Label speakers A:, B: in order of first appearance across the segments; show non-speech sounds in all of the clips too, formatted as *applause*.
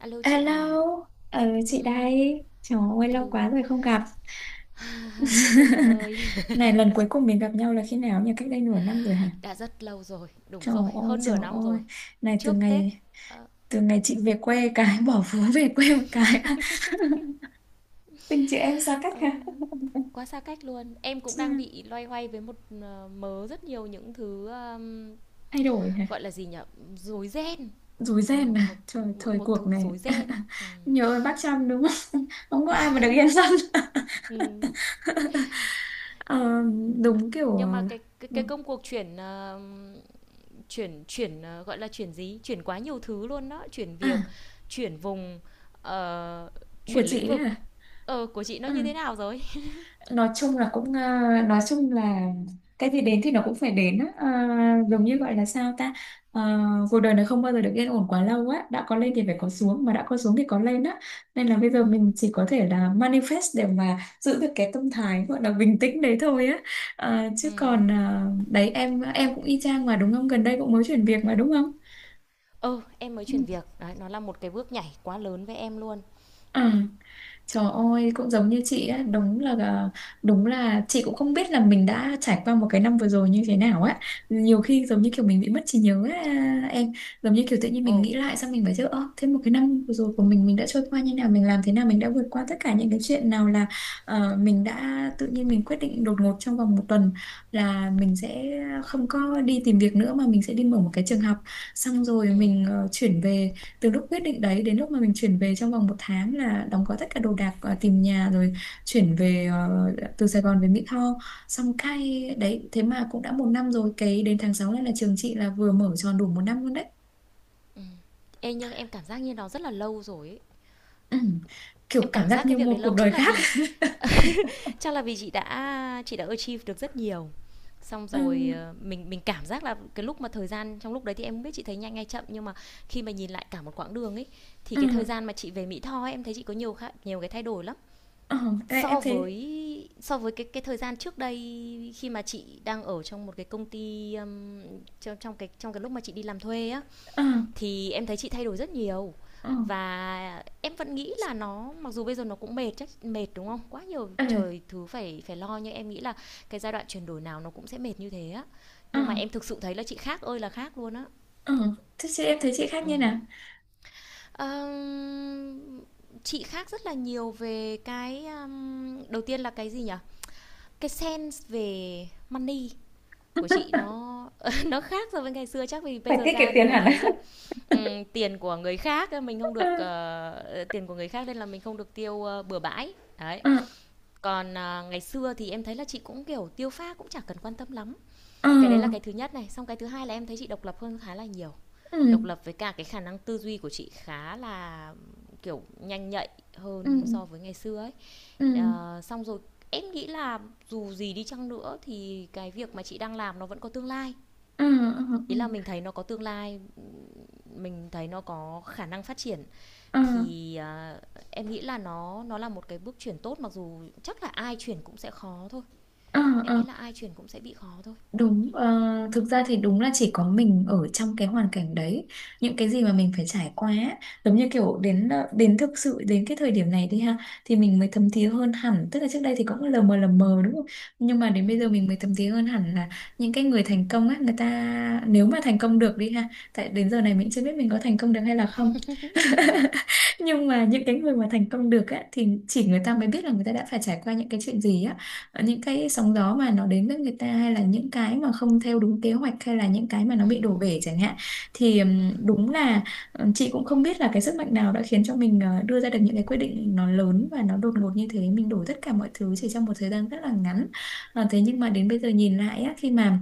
A: Alo chị
B: Hello,
A: à.
B: ừ, chị
A: Ừm,
B: đây. Trời ơi, lâu quá
A: hello.
B: rồi không gặp.
A: *laughs* Mỗi người một
B: *laughs*
A: nơi.
B: Này, lần cuối cùng mình gặp nhau là khi nào nhỉ? Cách đây nửa năm rồi hả?
A: *laughs* Đã rất lâu rồi, đúng
B: Trời
A: rồi,
B: ơi,
A: hơn
B: trời
A: nửa năm
B: ơi.
A: rồi.
B: Này, từ
A: Trước Tết.
B: ngày
A: Ờ,
B: từ ngày chị về quê *laughs* cái, bỏ phố về quê một cái. *laughs* Tình chị em xa cách
A: ờ,
B: hả?
A: quá xa cách luôn. Em cũng đang
B: Ừ,
A: bị loay hoay với một mớ rất nhiều những thứ,
B: thay đổi hả?
A: gọi là gì nhở? Rối ren.
B: Rối
A: Ừ,
B: ren
A: một,
B: à? Trời,
A: một
B: thời
A: một
B: cuộc
A: thứ
B: này.
A: rối
B: *laughs*
A: ren. Ừ.
B: Nhớ ơn bác Trăm đúng không? *laughs* Không có ai mà được yên tâm.
A: Ừ,
B: *laughs* Ờ, đúng kiểu,
A: nhưng mà
B: ừ.
A: cái công cuộc chuyển chuyển chuyển gọi là chuyển gì? Chuyển quá nhiều thứ luôn đó, chuyển
B: À,
A: việc, chuyển vùng, ờ,
B: của
A: chuyển lĩnh
B: chị ấy
A: vực.
B: hả?
A: Ờ, của chị nó
B: Ừ.
A: như thế nào rồi?
B: Nói chung là cũng, nói chung là cái gì đến thì nó cũng phải đến á. Ờ,
A: Ừ.
B: Giống như gọi là sao ta. Ờ, Cuộc đời này không bao giờ được yên ổn quá lâu á, đã có lên thì phải có xuống, mà đã có xuống thì có lên á, nên là bây giờ mình chỉ có thể là manifest để mà giữ được cái tâm thái gọi là bình tĩnh đấy thôi á.
A: Ừ.
B: Chứ còn, đấy em cũng y chang mà đúng không, gần đây cũng mới chuyển việc mà đúng không?
A: Ừ, em mới
B: Ừ.
A: chuyển việc. Đấy, nó là một cái bước nhảy quá lớn với em luôn.
B: Ừ. Trời ơi, cũng giống như chị á, đúng là chị cũng không biết là mình đã trải qua một cái năm vừa rồi như thế nào á. Nhiều khi giống như kiểu mình bị mất trí nhớ á, em, giống như kiểu tự nhiên mình
A: Ồ,
B: nghĩ lại, xong mình phải chứ ơ, thế một cái năm vừa rồi của mình đã trôi qua như nào, mình làm thế nào, mình đã vượt qua tất cả những cái chuyện nào là, mình đã tự nhiên mình quyết định đột ngột trong vòng một tuần là mình sẽ không có đi tìm việc nữa mà mình sẽ đi mở một cái trường học. Xong rồi
A: ừ.
B: mình, chuyển về, từ lúc quyết định đấy đến lúc mà mình chuyển về trong vòng một tháng là đóng gói tất cả đồ đạc, tìm nhà, rồi chuyển về, từ Sài Gòn về Mỹ Tho, xong cay đấy thế mà cũng đã một năm rồi, cái đến tháng 6 này là trường chị là vừa mở tròn đủ một năm luôn đấy.
A: Ê, nhưng em cảm giác như nó rất là lâu rồi ấy.
B: Ừ, kiểu
A: Em
B: cảm
A: cảm
B: giác
A: giác cái
B: như
A: việc đấy
B: một
A: lâu
B: cuộc đời
A: chắc là
B: khác.
A: vì chị đã achieve được rất nhiều. Xong
B: *laughs* Ừ.
A: rồi, mình cảm giác là cái lúc mà thời gian trong lúc đấy thì em không biết chị thấy nhanh hay chậm, nhưng mà khi mà nhìn lại cả một quãng đường ấy thì cái thời
B: Ừ.
A: gian mà chị về Mỹ Tho ấy, em thấy chị có nhiều khá, nhiều cái thay đổi lắm.
B: Ừ. Ê, em
A: So
B: thấy.
A: với so với cái thời gian trước đây khi mà chị đang ở trong một cái công ty, trong trong cái lúc mà chị đi làm thuê á,
B: Ừ.
A: thì em thấy chị thay đổi rất nhiều
B: Ừ.
A: và em vẫn nghĩ là nó mặc dù bây giờ nó cũng mệt, chắc mệt đúng không? Quá nhiều
B: Ừ.
A: trời thứ phải phải lo, nhưng em nghĩ là cái giai đoạn chuyển đổi nào nó cũng sẽ mệt như thế á.
B: Ừ.
A: Nhưng mà em thực sự thấy là chị khác ơi là khác luôn á.
B: Ừ. Thế chị em thấy chị khác
A: Ừ.
B: như nào?
A: Ờm, chị khác rất là nhiều về cái, đầu tiên là cái gì nhỉ? Cái sense về money của chị nó *laughs* nó khác so với ngày xưa, chắc vì bây
B: Phải
A: giờ
B: tiết kiệm
A: ra rồi
B: tiền
A: mới
B: hẳn
A: thấy
B: á.
A: là, tiền của người khác, mình không
B: *laughs* Ừ.
A: được, tiền của người khác nên là mình không được tiêu, bừa bãi, đấy.
B: Ừ.
A: Còn, à, ngày xưa thì em thấy là chị cũng, kiểu, tiêu pha cũng chẳng cần quan tâm lắm.
B: Ừ.
A: Cái đấy là cái thứ nhất này, xong cái thứ hai là em thấy chị độc lập hơn khá là nhiều. Độc
B: Ừ.
A: lập với cả cái khả năng tư duy của chị khá là, kiểu, nhanh nhạy
B: Ừ.
A: hơn so với ngày xưa ấy.
B: Ừ.
A: Ờ, xong rồi em nghĩ là dù gì đi chăng nữa thì cái việc mà chị đang làm nó vẫn có tương lai.
B: Ừ. Ừ.
A: Ý là mình thấy nó có tương lai, mình thấy nó có khả năng phát triển
B: Ừ.
A: thì, à, em nghĩ là nó là một cái bước chuyển tốt, mặc dù chắc là ai chuyển cũng sẽ khó thôi.
B: Ờ,
A: Em
B: ờ,
A: nghĩ là ai chuyển cũng sẽ bị khó thôi.
B: đúng, thực ra thì đúng là chỉ có mình ở trong cái hoàn cảnh đấy, những cái gì mà mình phải trải qua á, giống như kiểu đến thực sự đến cái thời điểm này đi ha, thì mình mới thấm thía hơn hẳn, tức là trước đây thì cũng lờ mờ đúng không, nhưng mà đến
A: Ừ.
B: bây giờ mình mới thấm thía hơn hẳn là những cái người thành công á, người ta nếu mà thành công được đi ha, tại đến giờ này mình chưa biết mình có thành công được hay là không. *laughs*
A: Ừ.
B: Nhưng mà những cái người mà thành công được á thì chỉ người ta mới biết là người ta đã phải trải qua những cái chuyện gì á. Những cái sóng gió mà nó đến với người ta, hay là những cái mà không theo đúng kế hoạch, hay là những cái mà nó
A: Ừ.
B: bị đổ bể chẳng hạn, thì đúng là, chị cũng không biết là cái sức mạnh nào đã khiến cho mình, đưa ra được những cái quyết định nó lớn và nó đột ngột như thế, mình đổi tất cả mọi thứ chỉ trong một thời gian rất là ngắn. Thế nhưng mà đến bây giờ nhìn lại á, khi mà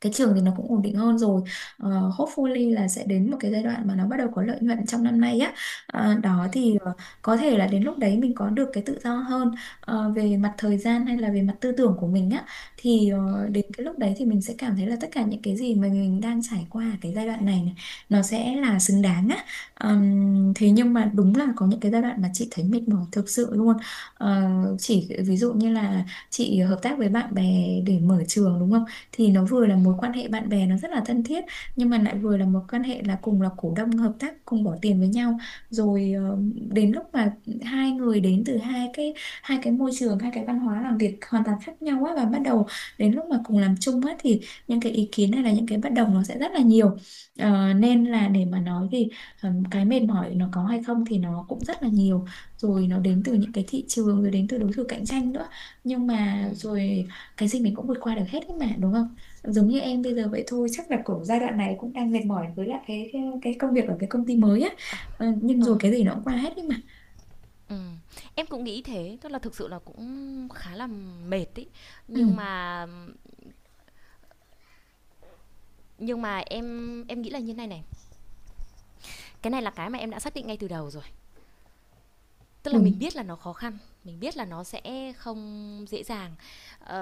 B: cái trường thì nó cũng ổn định hơn rồi. Ờ, Hopefully là sẽ đến một cái giai đoạn mà nó bắt đầu có lợi nhuận trong năm nay á. Đó
A: Ừ.
B: thì, có thể là đến lúc đấy mình có được cái tự do hơn, về mặt thời gian hay là về mặt tư tưởng của mình á, thì
A: Ừ.
B: đến cái lúc đấy thì mình sẽ cảm thấy là tất cả những cái gì mà mình đang trải qua ở cái giai đoạn này, này, nó sẽ là xứng đáng á. Thế nhưng mà đúng là có những cái giai đoạn mà chị thấy mệt mỏi thực sự luôn. Ờ, chỉ ví dụ như là chị hợp tác với bạn bè để mở trường đúng không, thì nó vừa là
A: Ừ.
B: mối quan hệ bạn bè nó rất là thân thiết, nhưng mà lại vừa là mối quan hệ là cùng là cổ đông hợp tác cùng bỏ tiền với nhau, rồi, đến lúc mà hai người đến từ hai cái môi trường, hai cái văn hóa làm việc hoàn toàn khác nhau á, và bắt đầu đến lúc mà cùng làm chung á, thì những cái ý kiến hay là những cái bất đồng nó sẽ rất là nhiều. Nên là để mà nói thì, cái mệt mỏi nó có hay không thì nó cũng rất là nhiều, rồi nó đến từ những cái thị trường, rồi đến từ đối thủ cạnh tranh nữa, nhưng
A: Ừ.
B: mà rồi cái gì mình cũng vượt qua được hết ấy mà đúng không? Giống như em bây giờ vậy thôi, chắc là cũng giai đoạn này cũng đang mệt mỏi với lại cái công việc ở cái công ty mới á. Nhưng rồi
A: Ờ.
B: cái gì nó cũng qua hết ấy mà.
A: Ừ. Em cũng nghĩ thế, tức là thực sự là cũng khá là mệt ý.
B: Ừ,
A: Nhưng mà nhưng mà em em nghĩ là như này này, cái này là cái mà em đã xác định ngay từ đầu rồi, tức là mình
B: đúng.
A: biết là nó khó khăn, mình biết là nó sẽ không dễ dàng. ờ,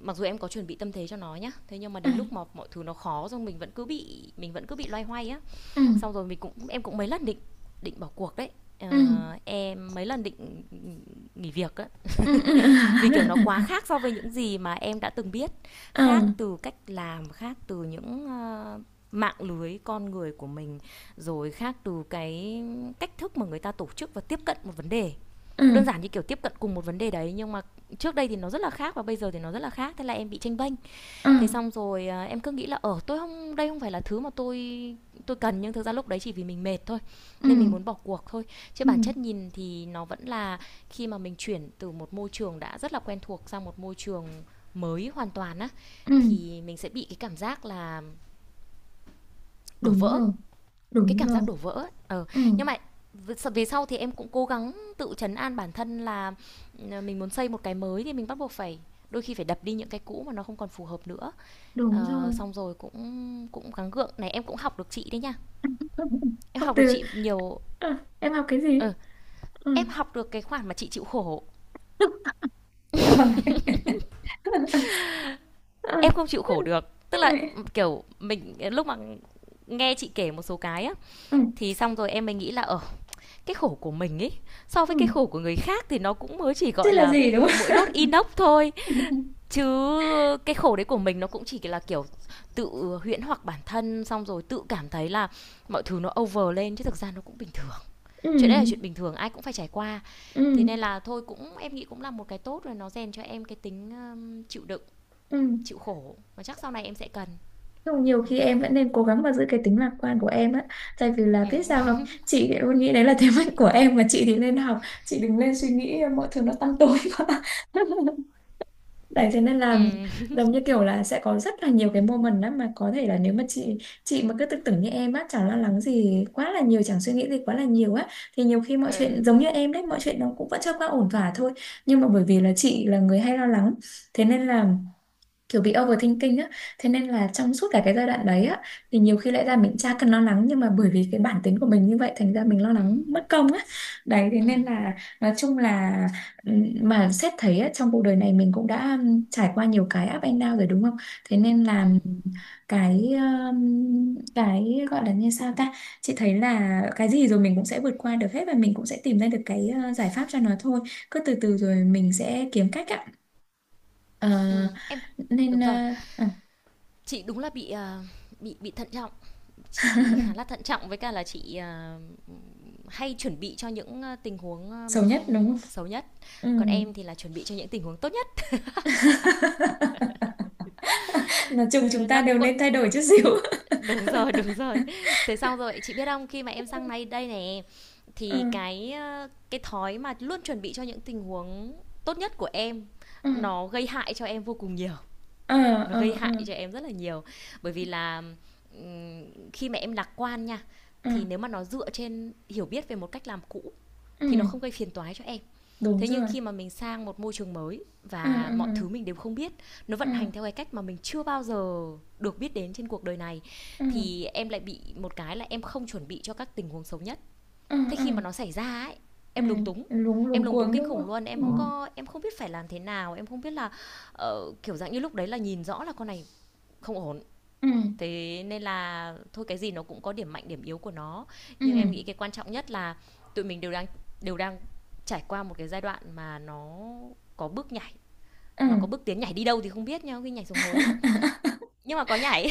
A: Mặc dù em có chuẩn bị tâm thế cho nó nhá, thế nhưng mà
B: Ừ.
A: đến lúc mà mọi thứ nó khó rồi mình vẫn cứ bị loay hoay á,
B: Ừ.
A: xong rồi mình cũng em cũng mấy lần định định bỏ cuộc đấy.
B: Ừ.
A: Ờ, em mấy lần định nghỉ việc á,
B: Ừ. Ừ. *laughs*
A: vì kiểu nó quá khác so với những gì mà em đã từng biết, khác
B: Ừ.
A: từ cách làm, khác từ những, mạng lưới con người của mình, rồi khác từ cái cách thức mà người ta tổ chức và tiếp cận một vấn đề. Đơn
B: Ừ.
A: giản như kiểu tiếp cận cùng một vấn đề đấy nhưng mà trước đây thì nó rất là khác và bây giờ thì nó rất là khác, thế là em bị tranh bênh.
B: Ừ.
A: Thế xong rồi, em cứ nghĩ là ở, tôi không, đây không phải là thứ mà tôi cần, nhưng thực ra lúc đấy chỉ vì mình mệt thôi,
B: Ừ.
A: nên mình muốn bỏ cuộc thôi, chứ
B: Ừ.
A: bản chất nhìn thì nó vẫn là khi mà mình chuyển từ một môi trường đã rất là quen thuộc sang một môi trường mới hoàn toàn á,
B: Ừ.
A: thì mình sẽ bị cái cảm giác là đổ
B: Đúng
A: vỡ,
B: rồi.
A: cái
B: Đúng
A: cảm
B: rồi.
A: giác đổ vỡ ấy. Ờ
B: Ừ.
A: nhưng mà về sau thì em cũng cố gắng tự trấn an bản thân là ừ, mình muốn xây một cái mới thì mình bắt buộc phải, đôi khi phải đập đi những cái cũ mà nó không còn phù hợp nữa.
B: Đúng
A: Ờ,
B: rồi.
A: xong rồi cũng cũng gắng gượng này, em cũng học được chị đấy nha,
B: *laughs*
A: em
B: Học
A: học được
B: từ.
A: chị nhiều.
B: Em học cái gì?
A: Ừ,
B: Ừ.
A: em học được cái khoản mà chị chịu khổ.
B: *laughs* Em học. *laughs*
A: Em
B: Ừ.
A: không chịu khổ được, tức là kiểu mình lúc mà nghe chị kể một số cái á,
B: Ừ.
A: thì xong rồi em mới nghĩ là ở, cái khổ của mình ấy so với
B: Ừ.
A: cái khổ của người khác thì nó cũng mới chỉ
B: Thế
A: gọi
B: là
A: là
B: gì đúng
A: mũi
B: không?
A: đốt inox thôi,
B: *laughs*
A: chứ cái khổ đấy của mình nó cũng chỉ là kiểu tự huyễn hoặc bản thân, xong rồi tự cảm thấy là mọi thứ nó over lên, chứ thực ra nó cũng bình thường,
B: Ừ.
A: chuyện đấy là chuyện bình thường ai cũng phải trải qua. Thế
B: Ừ.
A: nên là thôi, cũng em nghĩ cũng là một cái tốt rồi, nó rèn cho em cái tính, chịu đựng,
B: Ừ.
A: chịu khổ, và chắc sau này em sẽ cần.
B: Nhưng nhiều
A: Đó.
B: khi em vẫn nên cố gắng mà giữ cái tính lạc quan của em á. Tại vì là biết sao
A: Ừ.
B: không? Chị thì luôn nghĩ đấy là thế mạnh của em mà chị thì nên học. Chị đừng nên suy nghĩ mọi thứ nó tăm tối quá. *laughs* Đấy thế nên là
A: Ừ. *laughs*
B: giống như kiểu là sẽ có rất là nhiều cái moment đó mà có thể là nếu mà chị mà cứ tự tưởng như em á, chẳng lo lắng gì quá là nhiều, chẳng suy nghĩ gì quá là nhiều á, thì nhiều khi mọi chuyện
A: Ừ.
B: giống như em đấy, mọi chuyện nó cũng vẫn trôi qua ổn thỏa thôi. Nhưng mà bởi vì là chị là người hay lo lắng, thế nên là kiểu bị overthinking á, thế nên là trong suốt cả cái giai đoạn đấy á, thì nhiều khi lẽ ra mình chả cần lo lắng, nhưng mà bởi vì cái bản tính của mình như vậy thành ra mình lo lắng mất công á. Đấy thế
A: Ừ.
B: nên là nói chung là, mà xét thấy á, trong cuộc đời này mình cũng đã, trải qua nhiều cái up and down rồi đúng không, thế nên là, cái, ừm, cái gọi là như sao ta, chị thấy là cái gì rồi mình cũng sẽ vượt qua được hết, và mình cũng sẽ tìm ra được cái, giải pháp cho nó thôi, cứ từ từ rồi mình sẽ kiếm cách ạ. Ờ,
A: Ừ. Em
B: Nên,
A: đúng rồi,
B: à,
A: chị đúng là bị, bị thận trọng, chị khá là thận trọng, với cả là chị, hay chuẩn bị cho những, tình huống,
B: xấu nhất đúng không?
A: xấu nhất.
B: Ừ.
A: Còn em thì là chuẩn bị cho những tình huống tốt nhất.
B: *laughs* Nói
A: Ờ,
B: chung chúng ta
A: nó cũng
B: đều
A: có.
B: nên thay đổi chút xíu. *laughs*
A: Đúng rồi, đúng rồi. Thế xong rồi, chị biết không, khi mà em sang đây đây này
B: Ừ.
A: thì cái, cái thói mà luôn chuẩn bị cho những tình huống tốt nhất của em,
B: Ừ.
A: nó gây hại cho em vô cùng nhiều,
B: Ờ,
A: nó gây
B: ờ, ờ,
A: hại cho em rất là nhiều. Bởi vì là, ừm, khi mà em lạc quan nha,
B: ờ,
A: thì nếu mà nó dựa trên hiểu biết về một cách làm cũ thì nó
B: ừ.
A: không gây phiền toái cho em.
B: Đúng
A: Thế nhưng
B: rồi.
A: khi mà mình sang một môi trường mới
B: Ừ,
A: và
B: ừ,
A: mọi thứ mình đều không biết, nó
B: ừ,
A: vận hành theo cái cách mà mình chưa bao giờ được biết đến trên cuộc đời này,
B: ừ,
A: thì em lại bị một cái là em không chuẩn bị cho các tình huống xấu nhất.
B: ừ,
A: Thế
B: ừ,
A: khi mà
B: ừ,
A: nó xảy ra ấy,
B: ừ.
A: em lúng túng,
B: Luống
A: em
B: luống
A: lúng túng
B: cuống
A: kinh
B: đúng
A: khủng
B: không?
A: luôn, em không có em không biết phải làm thế nào, em không biết là, kiểu dạng như lúc đấy là nhìn rõ là con này không ổn.
B: Ừ. Ừ.
A: Thế nên là thôi, cái gì nó cũng có điểm mạnh điểm yếu của nó,
B: Ừ.
A: nhưng em nghĩ cái quan trọng nhất là tụi mình đều đang trải qua một cái giai đoạn mà nó có bước nhảy,
B: Ừ.
A: nó có bước tiến, nhảy đi đâu thì không biết, nhau khi nhảy xuống hố
B: *laughs*
A: nhưng mà có nhảy.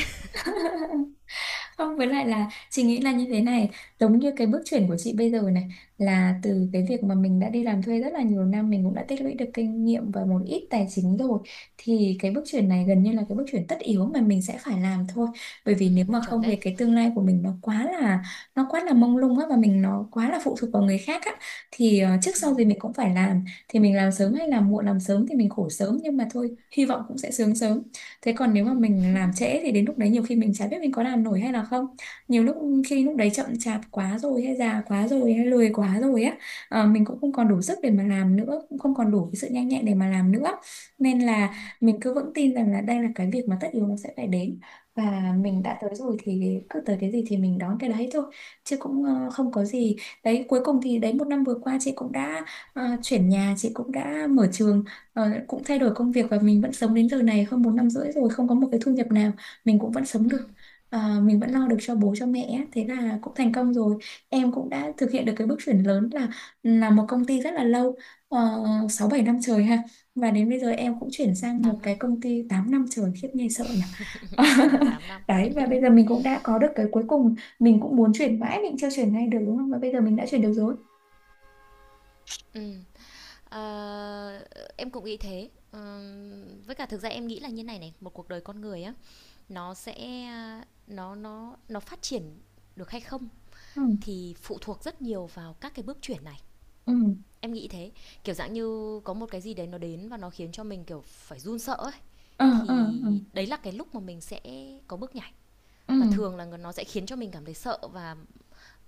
B: Không, với lại là chị nghĩ là như thế này, giống như cái bước chuyển của chị bây giờ này, là từ cái việc mà mình đã đi làm thuê rất là nhiều năm, mình cũng đã tích lũy được kinh nghiệm và một ít tài chính rồi, thì cái bước chuyển này gần như là cái bước chuyển tất yếu mà mình sẽ phải làm thôi. Bởi
A: *laughs* Ừ,
B: vì nếu mà
A: chuẩn
B: không thì
A: đấy.
B: cái tương lai của mình nó quá là mông lung á, và mình nó quá là phụ thuộc vào người khác á, thì trước
A: Ừ,
B: sau gì mình cũng phải làm, thì mình làm sớm hay làm muộn, làm sớm thì mình khổ sớm, nhưng mà thôi, hy vọng cũng sẽ sướng sớm. Thế còn nếu
A: ừ,
B: mà mình làm trễ thì đến lúc đấy nhiều khi mình chả biết mình có làm nổi hay là không. Nhiều lúc khi lúc đấy chậm chạp quá rồi hay già quá rồi hay lười quá rồi á, mình cũng không còn đủ sức để mà làm nữa, cũng không còn đủ cái sự nhanh nhẹn để mà làm nữa, nên là
A: ừ,
B: mình cứ vững tin rằng là đây là cái việc mà tất yếu nó sẽ phải đến, và
A: ừ,
B: mình đã tới rồi thì cứ tới cái gì thì mình đón cái đấy thôi, chứ cũng, không có gì. Đấy, cuối cùng thì đấy một năm vừa qua chị cũng đã, chuyển nhà, chị cũng đã mở trường, cũng thay đổi công việc, và mình vẫn sống đến giờ này hơn một năm rưỡi rồi không có một cái thu nhập nào, mình cũng vẫn sống
A: ừ,
B: được. Mình vẫn
A: ừ,
B: lo được cho bố cho mẹ á, thế là cũng thành
A: ừ,
B: công rồi. Em cũng đã thực hiện được cái bước chuyển lớn là một công ty rất là lâu, uh, 6 7 năm trời ha, và đến bây giờ em cũng chuyển
A: ừ,
B: sang một
A: tám
B: cái
A: năm.
B: công ty 8 năm trời, khiếp nghe sợ nhỉ.
A: Ừ,
B: *laughs*
A: tám năm.
B: Đấy, và bây giờ mình cũng đã có được cái cuối cùng, mình cũng muốn chuyển mãi mình chưa chuyển ngay được đúng không, và bây giờ mình đã chuyển được rồi.
A: ừ, ờ, em cũng nghĩ thế. Ờ, với cả thực ra em nghĩ là như này này, một cuộc đời con người á, nó sẽ nó phát triển được hay không
B: Ừ.
A: thì phụ thuộc rất nhiều vào các cái bước chuyển này,
B: Ừ.
A: em nghĩ thế. Kiểu dạng như có một cái gì đấy nó đến và nó khiến cho mình kiểu phải run sợ ấy,
B: Ờ. Ờ.
A: thì
B: Ờ.
A: đấy là cái lúc mà mình sẽ có bước nhảy,
B: Ừ.
A: và thường là nó sẽ khiến cho mình cảm thấy sợ và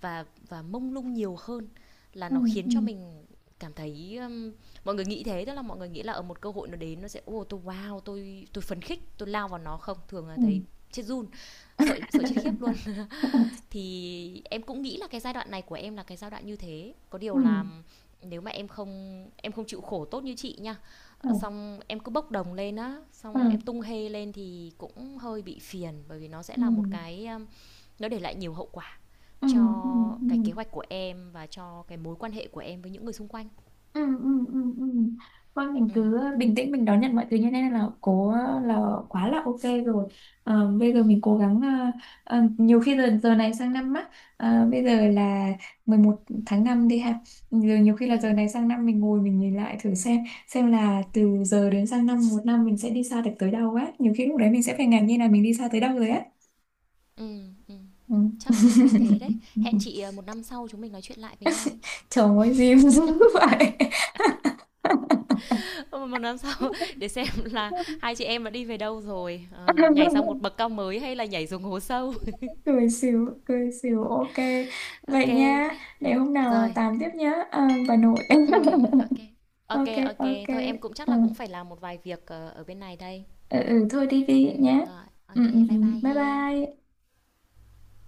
A: và mông lung nhiều hơn là
B: Ừ.
A: nó khiến
B: Ừ.
A: cho mình cảm thấy, mọi người nghĩ thế, tức là mọi người nghĩ là ở một cơ hội nó đến nó sẽ ô oh, tôi wow tôi phấn khích tôi lao vào, nó không, thường là
B: Ừ.
A: thấy chết run, sợ sợ chết khiếp luôn.
B: *laughs*
A: Thì em cũng nghĩ là cái giai đoạn này của em là cái giai đoạn như thế, có điều
B: Ừ.
A: là nếu mà em không chịu khổ tốt như chị nha.
B: Ừ.
A: Ờ, xong em cứ bốc đồng lên á,
B: Ừ.
A: xong em tung hê lên thì cũng hơi bị phiền, bởi vì nó sẽ
B: Ừ.
A: là một cái, nó để lại nhiều hậu quả
B: Ừ. Ừ.
A: cho
B: Ừ.
A: cái kế hoạch của em và cho cái mối quan hệ của em với những người xung quanh.
B: Ừ. Ừ. Ừ. Ừ. Thôi mình
A: Ừ
B: cứ bình tĩnh mình đón nhận mọi thứ như thế này là cố, là quá là ok rồi. Bây giờ
A: ừ
B: mình cố gắng, nhiều khi giờ giờ này sang năm á, bây giờ là 11 tháng 5 đi ha, giờ nhiều khi là
A: ừ
B: giờ này sang năm mình ngồi mình nhìn lại thử xem là từ giờ đến sang năm một năm mình sẽ đi xa được tới đâu á, nhiều khi lúc đấy mình sẽ phải ngạc nhiên là mình đi xa tới đâu rồi á.
A: ừ, ừ.
B: Ừ.
A: Chắc có khi thế đấy, hẹn
B: *laughs*
A: chị, một năm sau chúng mình nói chuyện lại với nhau,
B: Trời ơi, diêm dữ vậy.
A: một năm sau *laughs* để xem là
B: *laughs*
A: hai chị em đã đi về đâu rồi, nhảy sang một bậc cao mới hay là nhảy xuống hố sâu.
B: Cười xỉu cười xỉu, ok
A: *laughs*
B: vậy
A: OK
B: nha, để hôm nào à,
A: rồi,
B: tám tiếp nhá, à, bà nội.
A: ừm, ok
B: *laughs*
A: ok
B: Ok.
A: Ô,
B: Ok.
A: thôi em cũng chắc
B: Ừ.
A: là cũng phải làm một vài việc, ở bên này đây.
B: Ừ, ừ, thôi đi đi nhé.
A: Rồi, ô,
B: Ừ, ừ, ừ.
A: bye bye
B: Bye
A: he.
B: bye.